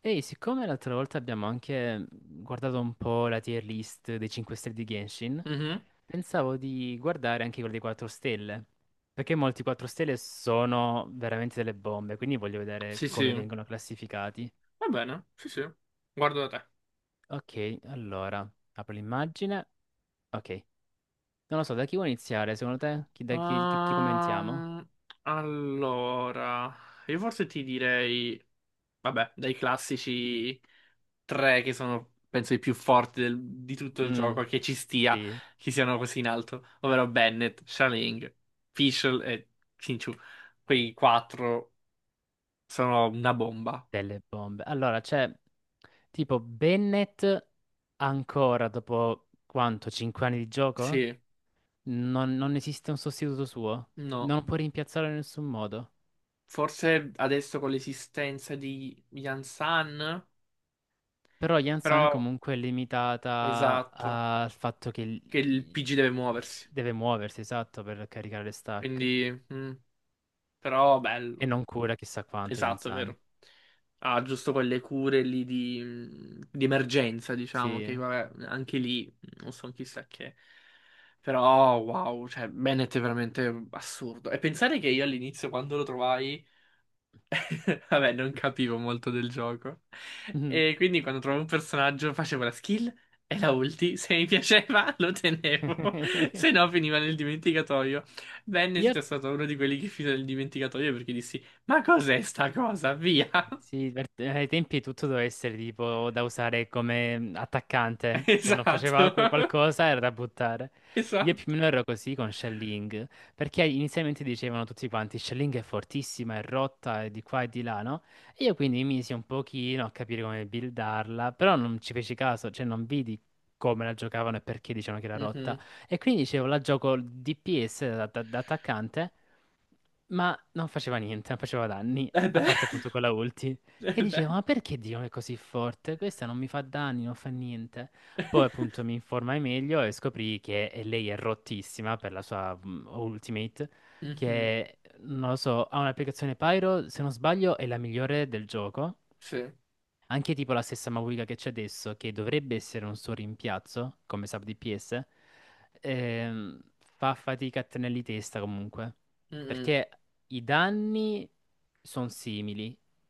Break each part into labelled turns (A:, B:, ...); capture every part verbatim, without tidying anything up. A: Ehi, siccome l'altra volta abbiamo anche guardato un po' la tier list dei cinque stelle di Genshin,
B: Mhm.
A: pensavo di guardare anche quella dei quattro stelle, perché molti quattro stelle sono veramente delle bombe, quindi voglio vedere
B: Sì, sì,
A: come
B: va
A: vengono classificati.
B: bene, sì, sì, guardo da te.
A: Ok, allora, apro l'immagine. Ok, non lo so, da chi vuoi iniziare, secondo te? Chi, da chi, chi- chi commentiamo?
B: Ehm, allora, io forse ti direi, vabbè, dai classici tre che sono, penso, i più forti del- di tutto il
A: Mm,
B: gioco, che ci stia,
A: sì.
B: che siano così in alto, ovvero Bennett, Shaling, Fischl e Xinchu. Quei quattro sono una bomba.
A: Delle bombe. Allora, c'è tipo Bennett ancora dopo quanto? cinque anni di gioco?
B: Sì,
A: Non, non esiste un sostituto suo.
B: no,
A: Non lo può rimpiazzarlo in nessun modo.
B: forse adesso con l'esistenza di Yan San,
A: Però Jansson
B: però.
A: comunque è limitata
B: Esatto,
A: al fatto che
B: che il
A: il-
B: P G deve muoversi.
A: deve muoversi, esatto, per caricare le stack.
B: Quindi, mm, però
A: E
B: bello.
A: non cura chissà quanto
B: Esatto, è
A: Jansson.
B: vero. Ha giusto quelle cure lì di, mm, di emergenza, diciamo,
A: Sì.
B: che vabbè, anche lì mm, non so chissà che. Però wow, cioè Bennett è veramente assurdo. E pensare che io all'inizio quando lo trovai vabbè, non capivo molto del gioco.
A: eh.
B: E quindi quando trovavo un personaggio facevo la skill e la ulti. Se mi piaceva lo tenevo, se no finiva nel dimenticatoio. Venne è
A: Yep.
B: stato uno di quelli che finì nel dimenticatoio perché dissi: "Ma cos'è sta cosa? Via!"
A: Sì, per- ai tempi tutto doveva essere tipo da usare come attaccante. Se non faceva
B: Esatto,
A: que- qualcosa era da buttare. Io più o
B: esatto.
A: meno ero così con Shelling, perché inizialmente dicevano tutti quanti Shelling è fortissima, è rotta, è di qua e di là, no? E io quindi mi misi un pochino a capire come buildarla, però non ci feci caso, cioè non vidi come la giocavano e perché dicevano che era rotta.
B: Mhm.
A: E quindi dicevo la gioco D P S da da- da attaccante. Ma non faceva niente, non faceva danni.
B: Eh
A: A
B: beh,
A: parte appunto quella ulti.
B: eh
A: E
B: beh.
A: dicevo, ma perché Dio è così forte? Questa non mi fa danni, non fa niente. Poi appunto mi informai meglio e scoprì che eh, lei è rottissima per la sua mm, ultimate,
B: Mhm.
A: che non lo so, ha un'applicazione Pyro, se non sbaglio è la migliore del gioco.
B: Sì,
A: Anche tipo la stessa Mavuiga che c'è adesso, che dovrebbe essere un suo rimpiazzo, come sub D P S, ehm, fa fatica a tenerli testa comunque.
B: mhm.
A: Perché i danni sono simili,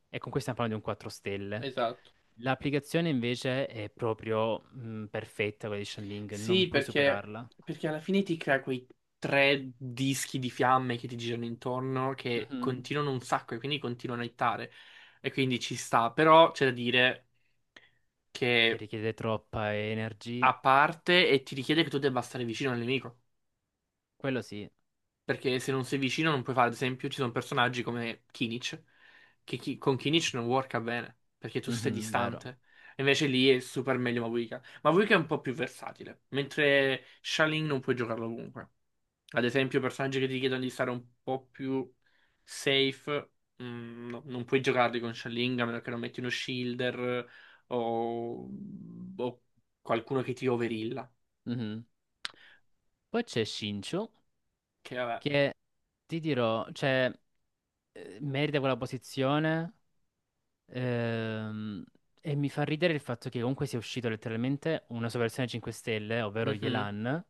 A: e con questo stiamo parlando di un quattro stelle.
B: Esatto.
A: L'applicazione invece è proprio mh, perfetta, quella di Shenling, non
B: Sì,
A: puoi
B: perché,
A: superarla.
B: perché alla fine ti crea quei tre dischi di fiamme che ti girano intorno che
A: Mhm.
B: continuano un sacco e quindi continuano a ittare. E quindi ci sta. Però c'è da dire
A: Che
B: che
A: richiede troppa energy,
B: a parte e ti richiede che tu debba stare vicino al nemico.
A: quello sì.
B: Perché se non sei vicino non puoi fare, ad esempio, ci sono personaggi come Kinich, che chi- con Kinich non worka bene, perché tu stai
A: Mhm, vero.
B: distante. Invece lì è super meglio Mavuika. Mavuika è un po' più versatile, mentre Shaling non puoi giocarlo ovunque. Ad esempio, personaggi che ti chiedono di stare un po' più safe, mm, no, non puoi giocarli con Shaling a meno che non metti uno shielder o, o qualcuno che ti overilla.
A: Mhm. Poi c'è Shincho.
B: Che vabbè.
A: Che ti dirò, cioè, eh, merita quella posizione, ehm, e mi fa ridere il fatto che comunque sia uscito letteralmente una sua versione cinque Stelle, ovvero
B: Mhm.
A: Yelan,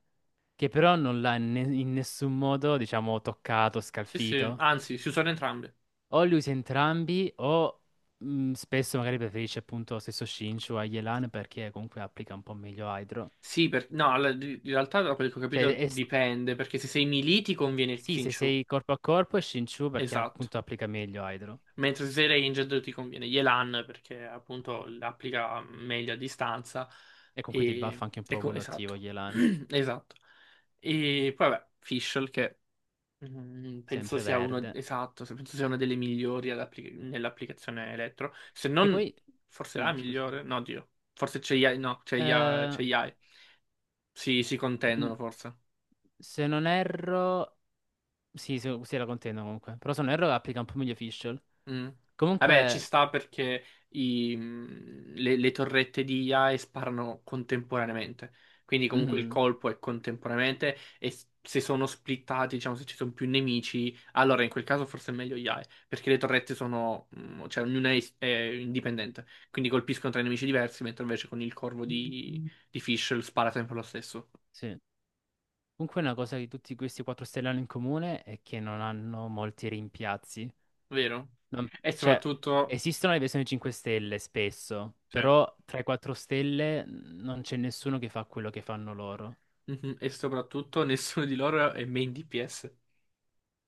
A: che però non l'ha in ne- in nessun modo, diciamo, toccato,
B: Sì, sì,
A: scalfito.
B: anzi, si usano entrambi.
A: O li usa entrambi o mh, spesso magari preferisce appunto lo stesso Shinchu a Yelan perché comunque applica un po' meglio Hydro.
B: Sì, per- no, alla- di- in realtà da quello che ho
A: Cioè,
B: capito
A: è-
B: dipende, perché se sei melee ti conviene
A: sì, se
B: Xinchu,
A: sei corpo a corpo è Shinchu perché
B: esatto.
A: appunto applica meglio Hydro.
B: Mentre se sei ranged ti conviene Yelan, perché appunto applica meglio a distanza.
A: E comunque ti buffa
B: E,
A: anche un
B: e
A: po'
B: co-
A: quello attivo,
B: esatto,
A: Yelan,
B: esatto. E poi vabbè, Fischl che mm, penso
A: sempre
B: sia uno,
A: verde.
B: esatto, se- penso sia una delle migliori ad appli- nell'applicazione elettro, se
A: Che
B: non
A: poi,
B: forse la
A: di- scusa,
B: migliore, no, Dio, forse c'è Yai, no, c'è Yai,
A: Eh,
B: c'è Yai. Sì, si
A: n-
B: contendono forse.
A: se non erro, sì, se, sì, la contendo comunque, però se non erro applica un po' meglio Fischl.
B: Mm. Vabbè, ci
A: Comunque,
B: sta perché i- mh, le, le torrette di I A E sparano contemporaneamente. Quindi comunque il
A: mhm,
B: colpo è contemporaneamente e s- se sono splittati, diciamo, se ci sono più nemici, allora in quel caso forse è meglio I A E, perché le torrette sono, mh, cioè ognuna è, is- è indipendente, quindi colpiscono tre nemici diversi, mentre invece con il corvo di, di Fischl spara sempre lo stesso,
A: sì. Comunque una cosa di tutti questi quattro stelle hanno in comune è che non hanno molti rimpiazzi.
B: vero?
A: Non-
B: E
A: cioè,
B: soprattutto,
A: esistono le versioni cinque stelle spesso,
B: cioè,
A: però tra i quattro stelle non c'è nessuno che fa quello che fanno loro,
B: mhm, e soprattutto nessuno di loro è main D P S.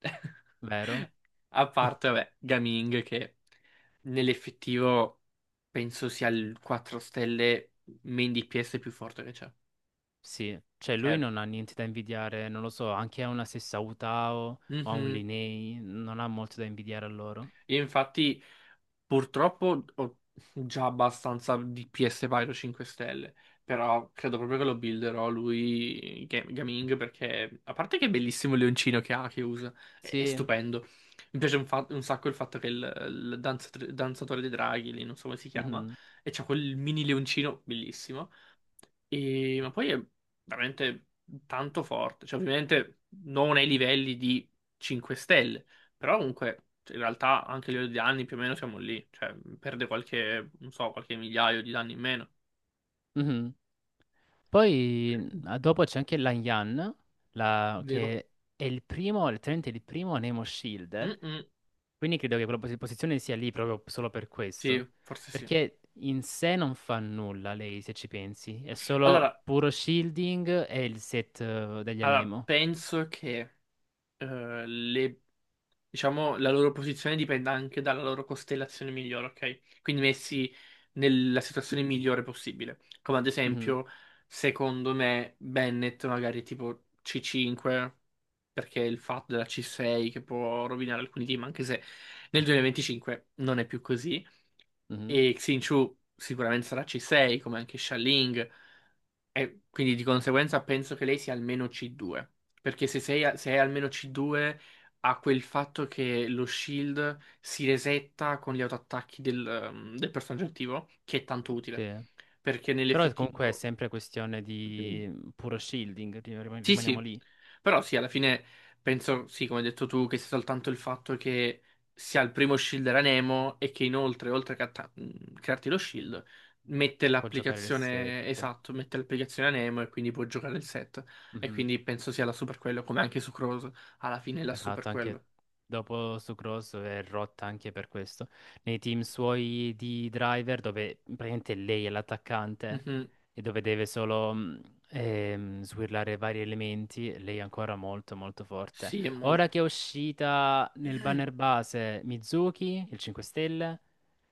A: vero?
B: A parte, vabbè, Gaming che nell'effettivo penso sia il quattro stelle main D P S più forte che c'è.
A: Sì, cioè lui
B: Cioè,
A: non ha niente da invidiare, non lo so, anche a una stessa Utao o a un
B: mhm.
A: Linei, non ha molto da invidiare a loro.
B: Io infatti purtroppo ho già abbastanza di P S Pyro cinque stelle, però credo proprio che lo builderò lui Ga- Gaming perché a parte che è bellissimo il leoncino che ha, che usa, è, è
A: Sì,
B: stupendo. Mi piace un, fa- un sacco il fatto che il, il danzat- danzatore dei draghi, lì non so come si chiama,
A: mhm,
B: e c'ha quel mini leoncino bellissimo. E- ma poi è veramente tanto forte. Cioè, ovviamente non ai livelli di cinque stelle, però comunque cioè, in realtà anche a livello di danni più o meno siamo lì. Cioè, perde qualche, non so, qualche migliaio di danni in meno.
A: mhm. Poi ah, dopo c'è anche Lan Yan, la-
B: Vero?
A: che è il primo, letteralmente il primo Nemo Shielder,
B: Mm-mm.
A: quindi credo che quella posi- posizione sia lì proprio solo per
B: Sì,
A: questo,
B: forse sì.
A: perché in sé non fa nulla lei, se ci pensi, è solo
B: Allora,
A: puro shielding e il set, eh, degli
B: allora,
A: Anemo.
B: penso che eh, le diciamo, la loro posizione dipende anche dalla loro costellazione migliore, ok? Quindi messi nella situazione migliore possibile. Come ad
A: Mhm,
B: esempio, secondo me, Bennett magari tipo C cinque, perché il fatto della C sei che può rovinare alcuni team, anche se nel duemilaventicinque non è più così.
A: mhm.
B: E Xin Chu sicuramente sarà C sei, come anche Sha Ling. E quindi di conseguenza penso che lei sia almeno C due, perché se, sei a- se è almeno C due ha quel fatto che lo shield si resetta con gli autoattacchi del, ehm, del personaggio attivo, che è tanto utile,
A: Sì.
B: perché
A: Però è- comunque è
B: nell'effettivo.
A: sempre questione di mm, puro shielding, rim- rim-
B: Sì,
A: rimaniamo
B: sì,
A: lì,
B: però sì, alla fine penso, sì, come hai detto tu, che sia soltanto il fatto che sia il primo shield era Nemo e che inoltre, oltre che a ta- mh, crearti lo shield, mette
A: può giocare il
B: l'applicazione,
A: set.
B: esatto, mette l'applicazione a Nemo e quindi può giocare il set. E
A: Mhm.
B: quindi penso sia la super quello, come anche su Cross, alla fine è la super
A: Esatto, anche
B: quello.
A: dopo su Cross è rotta anche per questo. Nei team suoi di driver, dove praticamente lei è l'attaccante
B: Mhm.
A: e dove deve solo mm, ehm, swirlare vari elementi, lei è ancora molto molto forte.
B: Sì, è
A: Ora
B: molto.
A: che è uscita nel banner base Mizuki, il cinque stelle,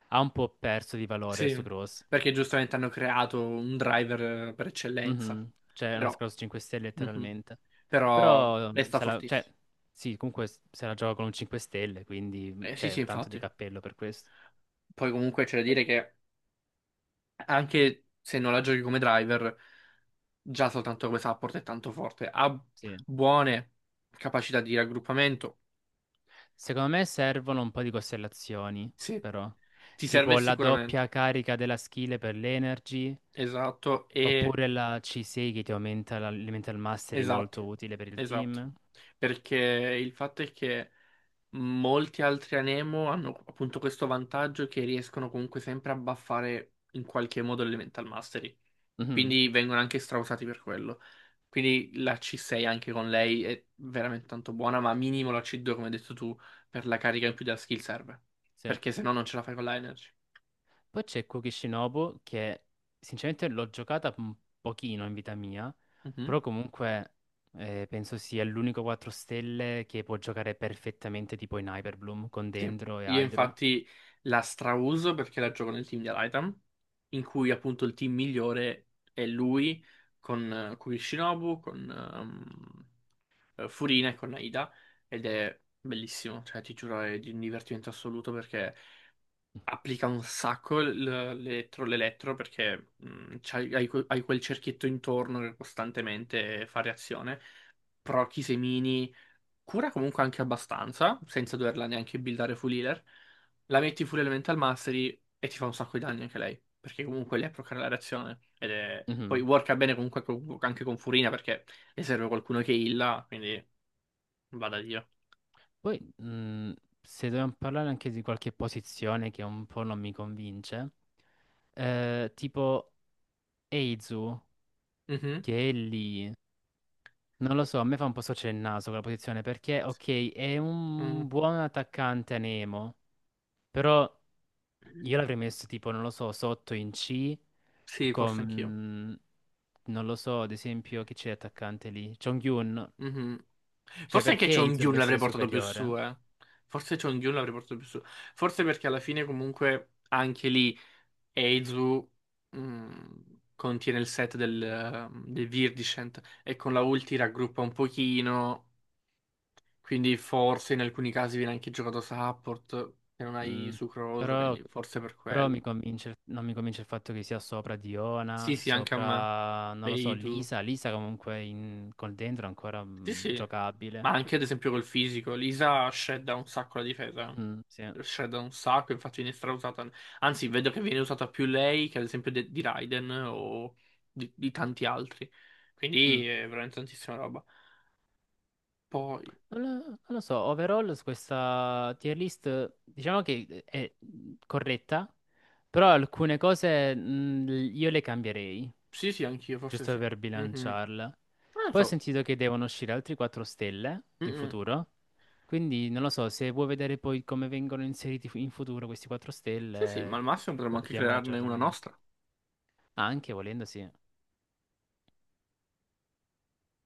A: ha un po' perso di valore su
B: Sì,
A: Cross.
B: perché giustamente hanno creato un driver eh, per eccellenza,
A: Mhm. Cioè, è una
B: però,
A: scorsa cinque stelle
B: mhm.
A: letteralmente.
B: Però
A: Però, mhmm,
B: resta
A: se la, cioè,
B: fortissimo.
A: sì, comunque s- se la gioca con un cinque stelle, quindi
B: Eh, sì, sì,
A: c'è tanto di
B: infatti.
A: cappello per questo.
B: Poi comunque c'è da
A: Poi,
B: dire che anche se non la giochi come driver, già soltanto come support è tanto forte. Ha
A: sì.
B: buone capacità di raggruppamento.
A: Secondo me servono un po' di costellazioni,
B: Sì,
A: però.
B: ti serve
A: Tipo la
B: sicuramente.
A: doppia carica della skill per l'energy,
B: Esatto, e
A: oppure la C sei che ti aumenta la- l'elemental mastery
B: esatto,
A: molto utile per il
B: esatto.
A: team.
B: Perché il fatto è che molti altri Anemo hanno appunto questo vantaggio che riescono comunque sempre a buffare in qualche modo l'Elemental Mastery.
A: Mhm.
B: Quindi vengono anche strausati per quello. Quindi la C sei anche con lei è veramente tanto buona, ma minimo la C due, come hai detto tu, per la carica in più della skill serve.
A: Sì.
B: Perché se no non ce la fai con la energy.
A: Poi c'è Kukishinobu che sinceramente l'ho giocata un pochino in vita mia,
B: Mhm,
A: però comunque eh, penso sia l'unico quattro stelle che può giocare perfettamente tipo in Hyperbloom con
B: sì.
A: Dendro e
B: Io
A: Hydro.
B: infatti la strauso perché la gioco nel team di Alitam, in cui appunto il team migliore è lui con eh, Kurishinobu, con ehm, eh, Furina e con Aida. Ed è bellissimo, cioè ti giuro è di un divertimento assoluto perché applica un sacco l- l'elettro, l'elettro perché mh, c'hai- hai, que- hai quel cerchietto intorno che costantemente fa reazione. Proc, i semini, cura comunque anche abbastanza, senza doverla neanche buildare full healer. La metti full elemental mastery e ti fa un sacco di danni anche lei, perché comunque lei procca la reazione. Ed è. Poi
A: Mhm.
B: worka bene comunque co- anche con Furina perché le serve qualcuno che illa, quindi vada Dio.
A: Poi mh, se dobbiamo parlare anche di qualche posizione che un po' non mi convince, eh, tipo Eizu,
B: Mhm.
A: che è lì, non lo so, a me fa un po' storcere il naso quella posizione perché ok è
B: Mm.
A: un buon attaccante a Nemo, però... Io l'avrei messo tipo, non lo so, sotto in C
B: Sì, forse anch'io.
A: con, non lo so, ad esempio, chi c'è attaccante lì? Jong-un.
B: Mhm.
A: Cioè,
B: Forse anche
A: perché Ace
B: Chongyun
A: dovrebbe
B: l'avrei
A: essere
B: portato più su,
A: superiore?
B: eh. Forse Chongyun l'avrei portato più su. Forse perché alla fine comunque anche lì Eizu mh, contiene il set del, eh, del Virdiscent e con la ulti raggruppa un pochino, quindi forse in alcuni casi viene anche giocato support, che non hai
A: Mm.
B: Sucroso,
A: Però,
B: quindi forse per
A: però mi
B: quello.
A: convince, il- non mi convince il fatto che sia sopra
B: Sì,
A: Diona,
B: sì, anche a me.
A: sopra, non lo so,
B: Beidou.
A: Lisa. Lisa comunque in- con dentro è ancora
B: Sì,
A: mm,
B: sì. Ma
A: giocabile.
B: anche ad esempio col fisico, Lisa shredda un sacco la difesa.
A: Mm, sì.
B: Shredda un sacco, infatti viene strausata. Anzi, vedo che viene usata più lei che ad esempio de- di Raiden o di, di tanti altri.
A: Mm.
B: Quindi è veramente tantissima roba. Poi,
A: Non lo, non lo so, overall su questa tier list diciamo che eh, è corretta, però alcune cose, mh, io le cambierei,
B: sì, sì, anch'io, forse
A: giusto
B: sì.
A: per
B: Mhm.
A: bilanciarla.
B: Non lo
A: Poi ho
B: so.
A: sentito che devono uscire altri quattro stelle in
B: Mm-mm.
A: futuro, quindi non lo so, se vuoi vedere poi come vengono inseriti fu- in futuro questi quattro
B: Sì, sì, ma
A: stelle,
B: al massimo potremmo anche
A: guardiamo
B: crearne una
A: l'aggiornamento.
B: nostra.
A: Ah, anche volendo, sì.